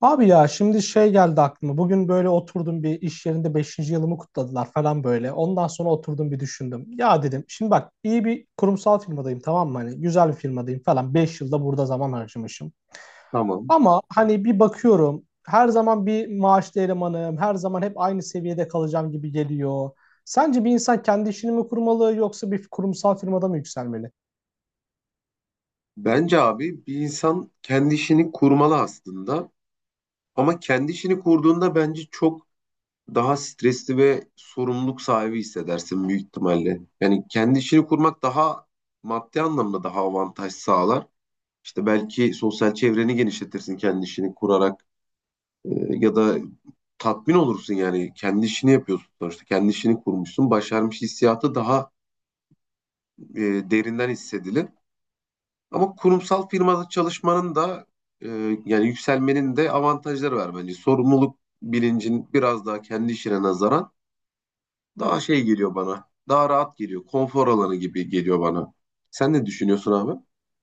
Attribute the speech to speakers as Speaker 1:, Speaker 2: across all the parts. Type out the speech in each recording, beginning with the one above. Speaker 1: Abi ya şimdi şey geldi aklıma. Bugün böyle oturdum bir iş yerinde beşinci yılımı kutladılar falan böyle. Ondan sonra oturdum bir düşündüm. Ya dedim şimdi bak iyi bir kurumsal firmadayım tamam mı? Hani güzel bir firmadayım falan. Beş yılda burada zaman harcamışım.
Speaker 2: Tamam.
Speaker 1: Ama hani bir bakıyorum her zaman bir maaşlı elemanım. Her zaman hep aynı seviyede kalacağım gibi geliyor. Sence bir insan kendi işini mi kurmalı yoksa bir kurumsal firmada mı yükselmeli?
Speaker 2: Bence abi bir insan kendi işini kurmalı aslında. Ama kendi işini kurduğunda bence çok daha stresli ve sorumluluk sahibi hissedersin büyük ihtimalle. Yani kendi işini kurmak daha maddi anlamda daha avantaj sağlar. İşte belki sosyal çevreni genişletirsin kendi işini kurarak. Ee, Ya da tatmin olursun, yani kendi işini yapıyorsun sonuçta, kendi işini kurmuşsun, başarmış hissiyatı daha e, derinden hissedilir. Ama kurumsal firmada çalışmanın da, e, yani yükselmenin de avantajları var bence. Sorumluluk bilincin biraz daha kendi işine nazaran daha şey geliyor bana. Daha rahat geliyor. Konfor alanı gibi geliyor bana. Sen ne düşünüyorsun abi?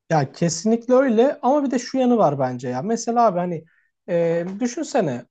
Speaker 1: Ya kesinlikle öyle ama bir de şu yanı var bence ya. Mesela abi hani düşünsene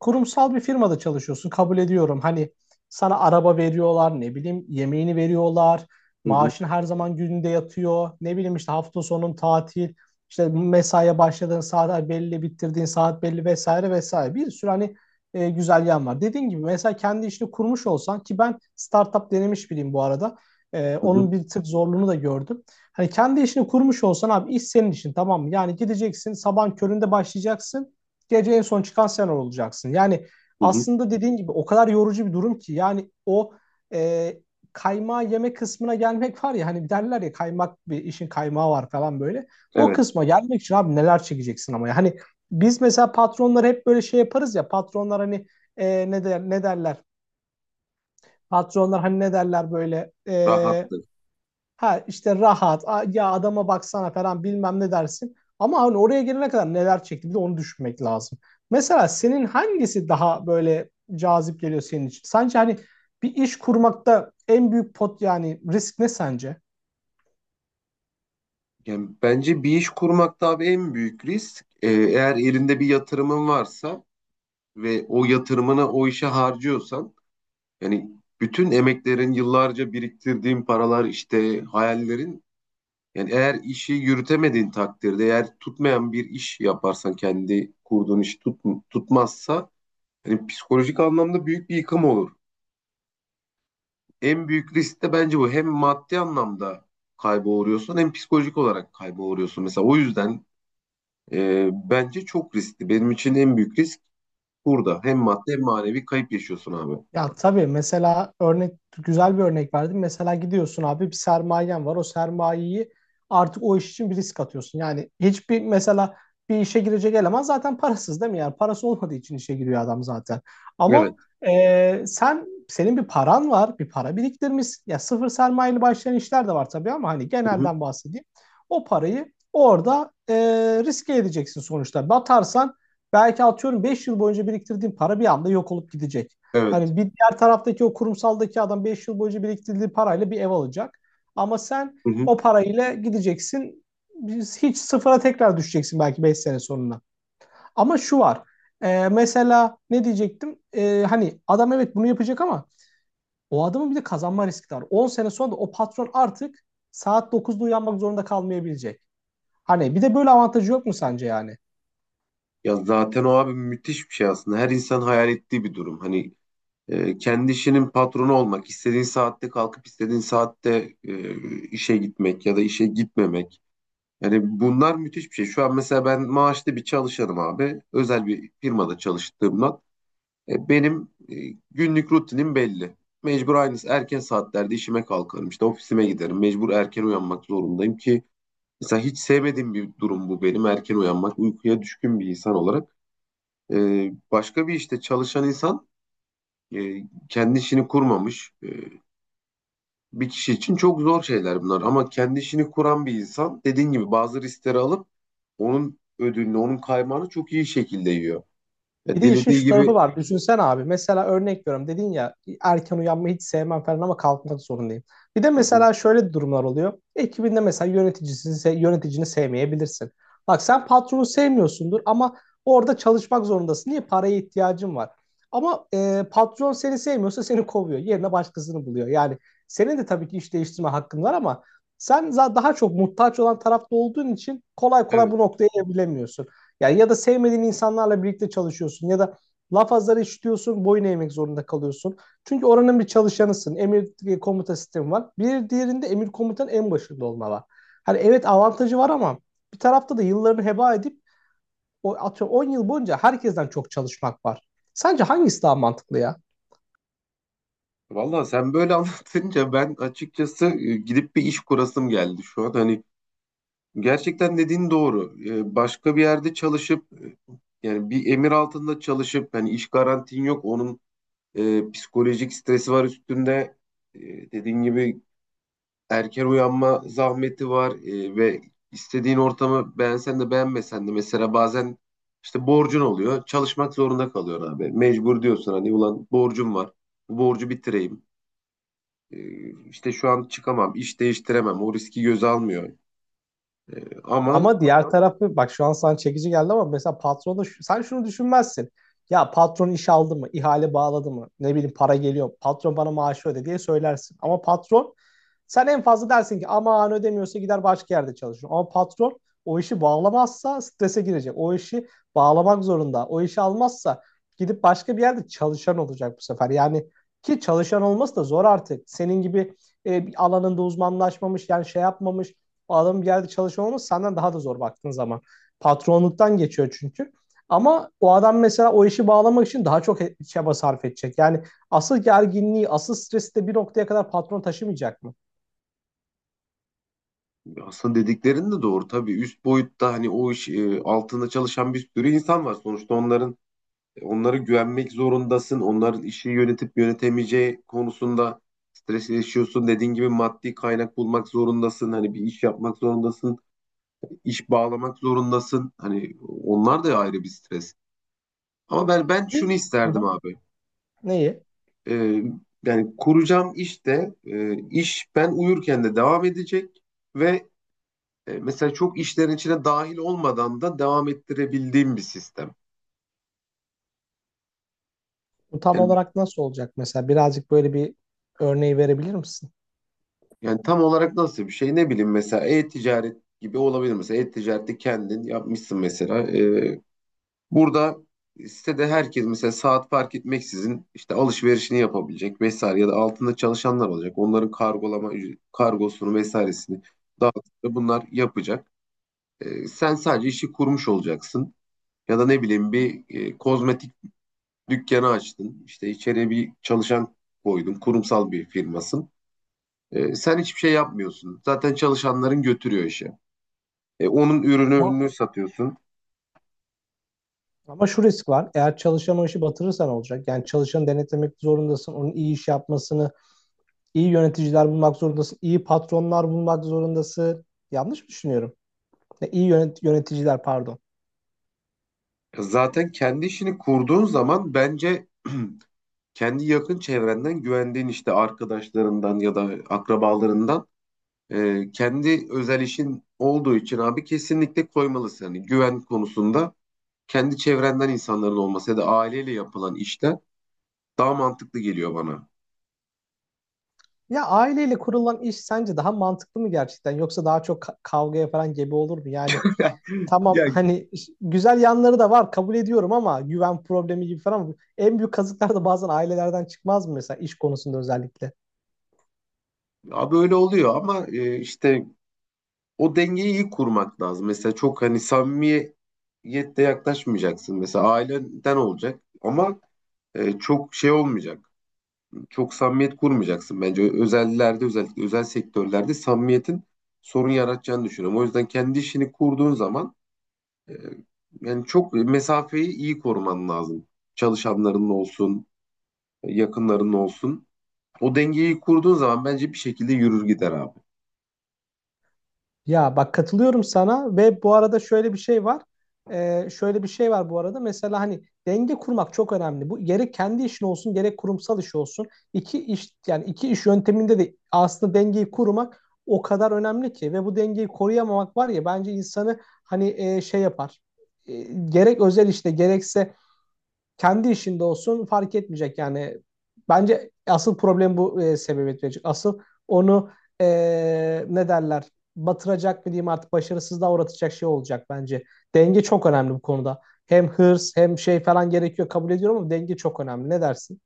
Speaker 1: kurumsal bir firmada çalışıyorsun kabul ediyorum. Hani sana araba veriyorlar, ne bileyim yemeğini veriyorlar,
Speaker 2: Hı hı,
Speaker 1: maaşın her zaman gününde yatıyor. Ne bileyim işte hafta sonun tatil, işte mesaiye başladığın saat belli, bitirdiğin saat belli vesaire vesaire. Bir sürü hani güzel yan var. Dediğin gibi mesela kendi işini kurmuş olsan ki ben startup denemiş biriyim bu arada.
Speaker 2: hı hı,
Speaker 1: Onun bir tık zorluğunu da gördüm. Hani kendi işini kurmuş olsan abi iş senin işin tamam mı? Yani gideceksin sabahın köründe başlayacaksın, gece en son çıkan sen olacaksın. Yani
Speaker 2: hı hı.
Speaker 1: aslında dediğin gibi o kadar yorucu bir durum ki yani o e, kaymağı yeme kısmına gelmek var ya, hani derler ya, kaymak bir işin kaymağı var falan böyle. O
Speaker 2: Evet,
Speaker 1: kısma gelmek için abi neler çekeceksin ama ya. Hani biz mesela patronlar hep böyle şey yaparız ya, patronlar hani ne der, ne derler? Patronlar hani ne derler böyle?
Speaker 2: rahattır.
Speaker 1: Ha işte rahat, ya adama baksana falan bilmem ne dersin. Ama hani oraya gelene kadar neler çekti bir de onu düşünmek lazım. Mesela senin hangisi daha böyle cazip geliyor senin için? Sence hani bir iş kurmakta en büyük pot, yani risk ne sence?
Speaker 2: Yani bence bir iş kurmak da abi en büyük risk. Eğer elinde bir yatırımın varsa ve o yatırımını o işe harcıyorsan, yani bütün emeklerin, yıllarca biriktirdiğin paralar, işte hayallerin. Yani eğer işi yürütemediğin takdirde, eğer tutmayan bir iş yaparsan, kendi kurduğun iş tutmazsa hani psikolojik anlamda büyük bir yıkım olur. En büyük risk de bence bu. Hem maddi anlamda kayba uğruyorsun, hem psikolojik olarak kayba uğruyorsun. Mesela o yüzden bence çok riskli. Benim için en büyük risk burada. Hem maddi hem manevi kayıp yaşıyorsun abi.
Speaker 1: Ya tabii mesela güzel bir örnek verdim. Mesela gidiyorsun abi bir sermayen var. O sermayeyi artık o iş için bir risk atıyorsun. Yani hiçbir mesela bir işe girecek eleman zaten parasız değil mi? Yani parası olmadığı için işe giriyor adam zaten.
Speaker 2: Evet.
Speaker 1: Ama senin bir paran var, bir para biriktirmişsin. Ya sıfır sermayeli başlayan işler de var tabii ama hani
Speaker 2: Hı hı.
Speaker 1: genelden bahsedeyim. O parayı orada riske edeceksin sonuçta. Batarsan belki atıyorum 5 yıl boyunca biriktirdiğin para bir anda yok olup gidecek. Hani
Speaker 2: Evet.
Speaker 1: bir diğer taraftaki o kurumsaldaki adam 5 yıl boyunca biriktirdiği parayla bir ev alacak. Ama sen
Speaker 2: Hı hı.
Speaker 1: o parayla gideceksin. Biz hiç sıfıra tekrar düşeceksin belki 5 sene sonuna. Ama şu var. Mesela ne diyecektim? Hani adam evet bunu yapacak ama o adamın bir de kazanma riski var. 10 sene sonra da o patron artık saat 9'da uyanmak zorunda kalmayabilecek. Hani bir de böyle avantajı yok mu sence yani?
Speaker 2: Ya zaten o abi müthiş bir şey aslında. Her insan hayal ettiği bir durum. Hani kendi işinin patronu olmak, istediğin saatte kalkıp istediğin saatte işe gitmek ya da işe gitmemek. Yani bunlar müthiş bir şey. Şu an mesela ben maaşlı bir çalışanım abi. Özel bir firmada çalıştığımdan. Benim günlük rutinim belli. Mecbur aynı erken saatlerde işime kalkarım. İşte ofisime giderim. Mecbur erken uyanmak zorundayım ki mesela hiç sevmediğim bir durum bu benim. Erken uyanmak, uykuya düşkün bir insan olarak. E, Başka bir işte çalışan insan, e, kendi işini kurmamış. Bir kişi için çok zor şeyler bunlar, ama kendi işini kuran bir insan dediğin gibi bazı riskleri alıp onun ödülünü, onun kaymağını çok iyi şekilde yiyor.
Speaker 1: Bir
Speaker 2: Ya
Speaker 1: de işin
Speaker 2: dilediği
Speaker 1: şu
Speaker 2: gibi.
Speaker 1: tarafı var. Düşünsen abi. Mesela örnek veriyorum. Dedin ya, erken uyanmayı hiç sevmem falan ama kalkmak zorundayım. Bir de
Speaker 2: Hı hı,
Speaker 1: mesela şöyle durumlar oluyor. Ekibinde mesela yöneticini sevmeyebilirsin. Bak, sen patronu sevmiyorsundur ama orada çalışmak zorundasın. Niye? Paraya ihtiyacın var. Ama patron seni sevmiyorsa seni kovuyor. Yerine başkasını buluyor. Yani senin de tabii ki iş değiştirme hakkın var ama sen daha çok muhtaç olan tarafta olduğun için kolay kolay
Speaker 2: evet.
Speaker 1: bu noktaya evrilemiyorsun. Yani ya da sevmediğin insanlarla birlikte çalışıyorsun ya da laf azları işitiyorsun, boyun eğmek zorunda kalıyorsun. Çünkü oranın bir çalışanısın. Emir komuta sistemi var. Bir diğerinde emir komutanın en başında olma var. Hani evet avantajı var ama bir tarafta da yıllarını heba edip o atıyorum 10 yıl boyunca herkesten çok çalışmak var. Sence hangisi daha mantıklı ya?
Speaker 2: Valla sen böyle anlatınca ben açıkçası gidip bir iş kurasım geldi şu an. Hani gerçekten dediğin doğru. Başka bir yerde çalışıp, yani bir emir altında çalışıp hani iş garantin yok. Onun psikolojik stresi var üstünde. E, Dediğin gibi erken uyanma zahmeti var, ve istediğin ortamı beğensen de beğenmesen de mesela bazen işte borcun oluyor. Çalışmak zorunda kalıyorsun abi. Mecbur diyorsun, hani ulan borcum var. Bu borcu bitireyim. E, işte şu an çıkamam, iş değiştiremem. O riski göze almıyor. E, Ama
Speaker 1: Ama diğer tarafı bak, şu an sana çekici geldi ama mesela patronu sen şunu düşünmezsin. Ya patron iş aldı mı, ihale bağladı mı? Ne bileyim, para geliyor. Patron bana maaşı öde diye söylersin. Ama patron, sen en fazla dersin ki aman ödemiyorsa gider başka yerde çalışır. Ama patron o işi bağlamazsa strese girecek. O işi bağlamak zorunda. O işi almazsa gidip başka bir yerde çalışan olacak bu sefer. Yani ki çalışan olması da zor artık. Senin gibi bir alanında uzmanlaşmamış, yani şey yapmamış o adam geldi yerde çalışıyor olması senden daha da zor baktığın zaman. Patronluktan geçiyor çünkü. Ama o adam mesela o işi bağlamak için daha çok çaba sarf edecek. Yani asıl gerginliği, asıl stresi de bir noktaya kadar patron taşımayacak mı?
Speaker 2: aslında dediklerin de doğru tabii. Üst boyutta hani o iş altında çalışan bir sürü insan var. Sonuçta onların. Onlara güvenmek zorundasın. Onların işi yönetip yönetemeyeceği konusunda stres yaşıyorsun. Dediğin gibi maddi kaynak bulmak zorundasın. Hani bir iş yapmak zorundasın. İş bağlamak zorundasın. Hani onlar da ayrı bir stres. Ama ben şunu
Speaker 1: E, Hı
Speaker 2: isterdim
Speaker 1: hı.
Speaker 2: abi.
Speaker 1: Neyi?
Speaker 2: Ee, Yani kuracağım işte iş ben uyurken de devam edecek ve mesela çok işlerin içine dahil olmadan da devam ettirebildiğim bir sistem.
Speaker 1: Bu tam
Speaker 2: Yani
Speaker 1: olarak nasıl olacak mesela? Birazcık böyle bir örneği verebilir misin?
Speaker 2: Yani tam olarak nasıl bir şey, ne bileyim, mesela e-ticaret gibi olabilir. Mesela e-ticarette kendin yapmışsın mesela. Burada sitede herkes mesela saat fark etmeksizin işte alışverişini yapabilecek vesaire, ya da altında çalışanlar olacak, onların kargolama kargosunu vesairesini dağıtıp bunlar yapacak. Sen sadece işi kurmuş olacaksın. Ya da ne bileyim, bir kozmetik dükkanı açtın, işte içeriye bir çalışan koydun, kurumsal bir firmasın. Sen hiçbir şey yapmıyorsun. Zaten çalışanların götürüyor işi. Onun
Speaker 1: Ama,
Speaker 2: ürününü satıyorsun.
Speaker 1: ama şu risk var. Eğer çalışan o işi batırırsan olacak. Yani çalışanı denetlemek zorundasın. Onun iyi iş yapmasını, iyi yöneticiler bulmak zorundasın. İyi patronlar bulmak zorundasın. Yanlış mı düşünüyorum? Ne, iyi yöneticiler pardon.
Speaker 2: Zaten kendi işini kurduğun zaman bence kendi yakın çevrenden güvendiğin işte arkadaşlarından ya da akrabalarından, kendi özel işin olduğu için abi, kesinlikle koymalısın. Yani güven konusunda kendi çevrenden insanların olması ya da aileyle yapılan işler daha mantıklı geliyor bana.
Speaker 1: Ya aileyle kurulan iş sence daha mantıklı mı gerçekten yoksa daha çok kavgaya falan gebe olur mu? Yani tamam
Speaker 2: Ya
Speaker 1: hani güzel yanları da var kabul ediyorum ama güven problemi gibi falan en büyük kazıklar da bazen ailelerden çıkmaz mı mesela iş konusunda özellikle?
Speaker 2: abi öyle oluyor ama, işte o dengeyi iyi kurmak lazım. Mesela çok hani samimiyette yaklaşmayacaksın. Mesela aileden olacak ama çok şey olmayacak. Çok samimiyet kurmayacaksın bence. Özellerde, özellikle özel sektörlerde samimiyetin sorun yaratacağını düşünüyorum. O yüzden kendi işini kurduğun zaman, e, yani çok mesafeyi iyi koruman lazım. Çalışanların olsun, yakınların olsun. O dengeyi kurduğun zaman bence bir şekilde yürür gider abi.
Speaker 1: Ya bak katılıyorum sana, ve bu arada şöyle bir şey var. Şöyle bir şey var bu arada. Mesela hani denge kurmak çok önemli. Bu gerek kendi işin olsun gerek kurumsal iş olsun. İki iş yani iki iş yönteminde de aslında dengeyi kurmak o kadar önemli ki ve bu dengeyi koruyamamak var ya bence insanı hani şey yapar. E, Gerek özel işte gerekse kendi işinde olsun fark etmeyecek yani. Bence asıl problem bu sebebiyet verecek. Asıl onu e, ne derler, batıracak mı diyeyim artık, başarısızlığa uğratacak şey olacak bence. Denge çok önemli bu konuda. Hem hırs hem şey falan gerekiyor kabul ediyorum ama denge çok önemli. Ne dersin?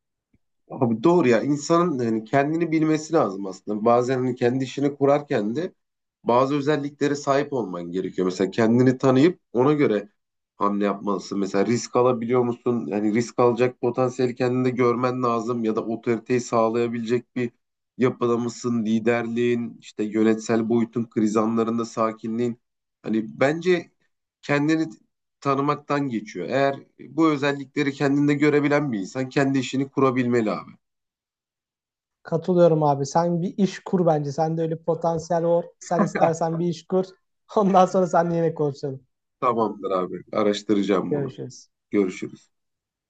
Speaker 2: Abi doğru ya, insanın hani kendini bilmesi lazım aslında. Bazen hani kendi işini kurarken de bazı özelliklere sahip olman gerekiyor. Mesela kendini tanıyıp ona göre hamle yapmalısın. Mesela risk alabiliyor musun? Yani risk alacak potansiyeli kendinde görmen lazım, ya da otoriteyi sağlayabilecek bir yapıda mısın? Liderliğin, işte yönetsel boyutun, kriz anlarında sakinliğin. Hani bence kendini tanımaktan geçiyor. Eğer bu özellikleri kendinde görebilen bir insan kendi işini kurabilmeli abi.
Speaker 1: Katılıyorum abi. Sen bir iş kur bence. Sende öyle potansiyel var. Sen istersen bir iş kur. Ondan sonra seninle yine konuşalım.
Speaker 2: Tamamdır abi. Araştıracağım bunu.
Speaker 1: Görüşürüz.
Speaker 2: Görüşürüz.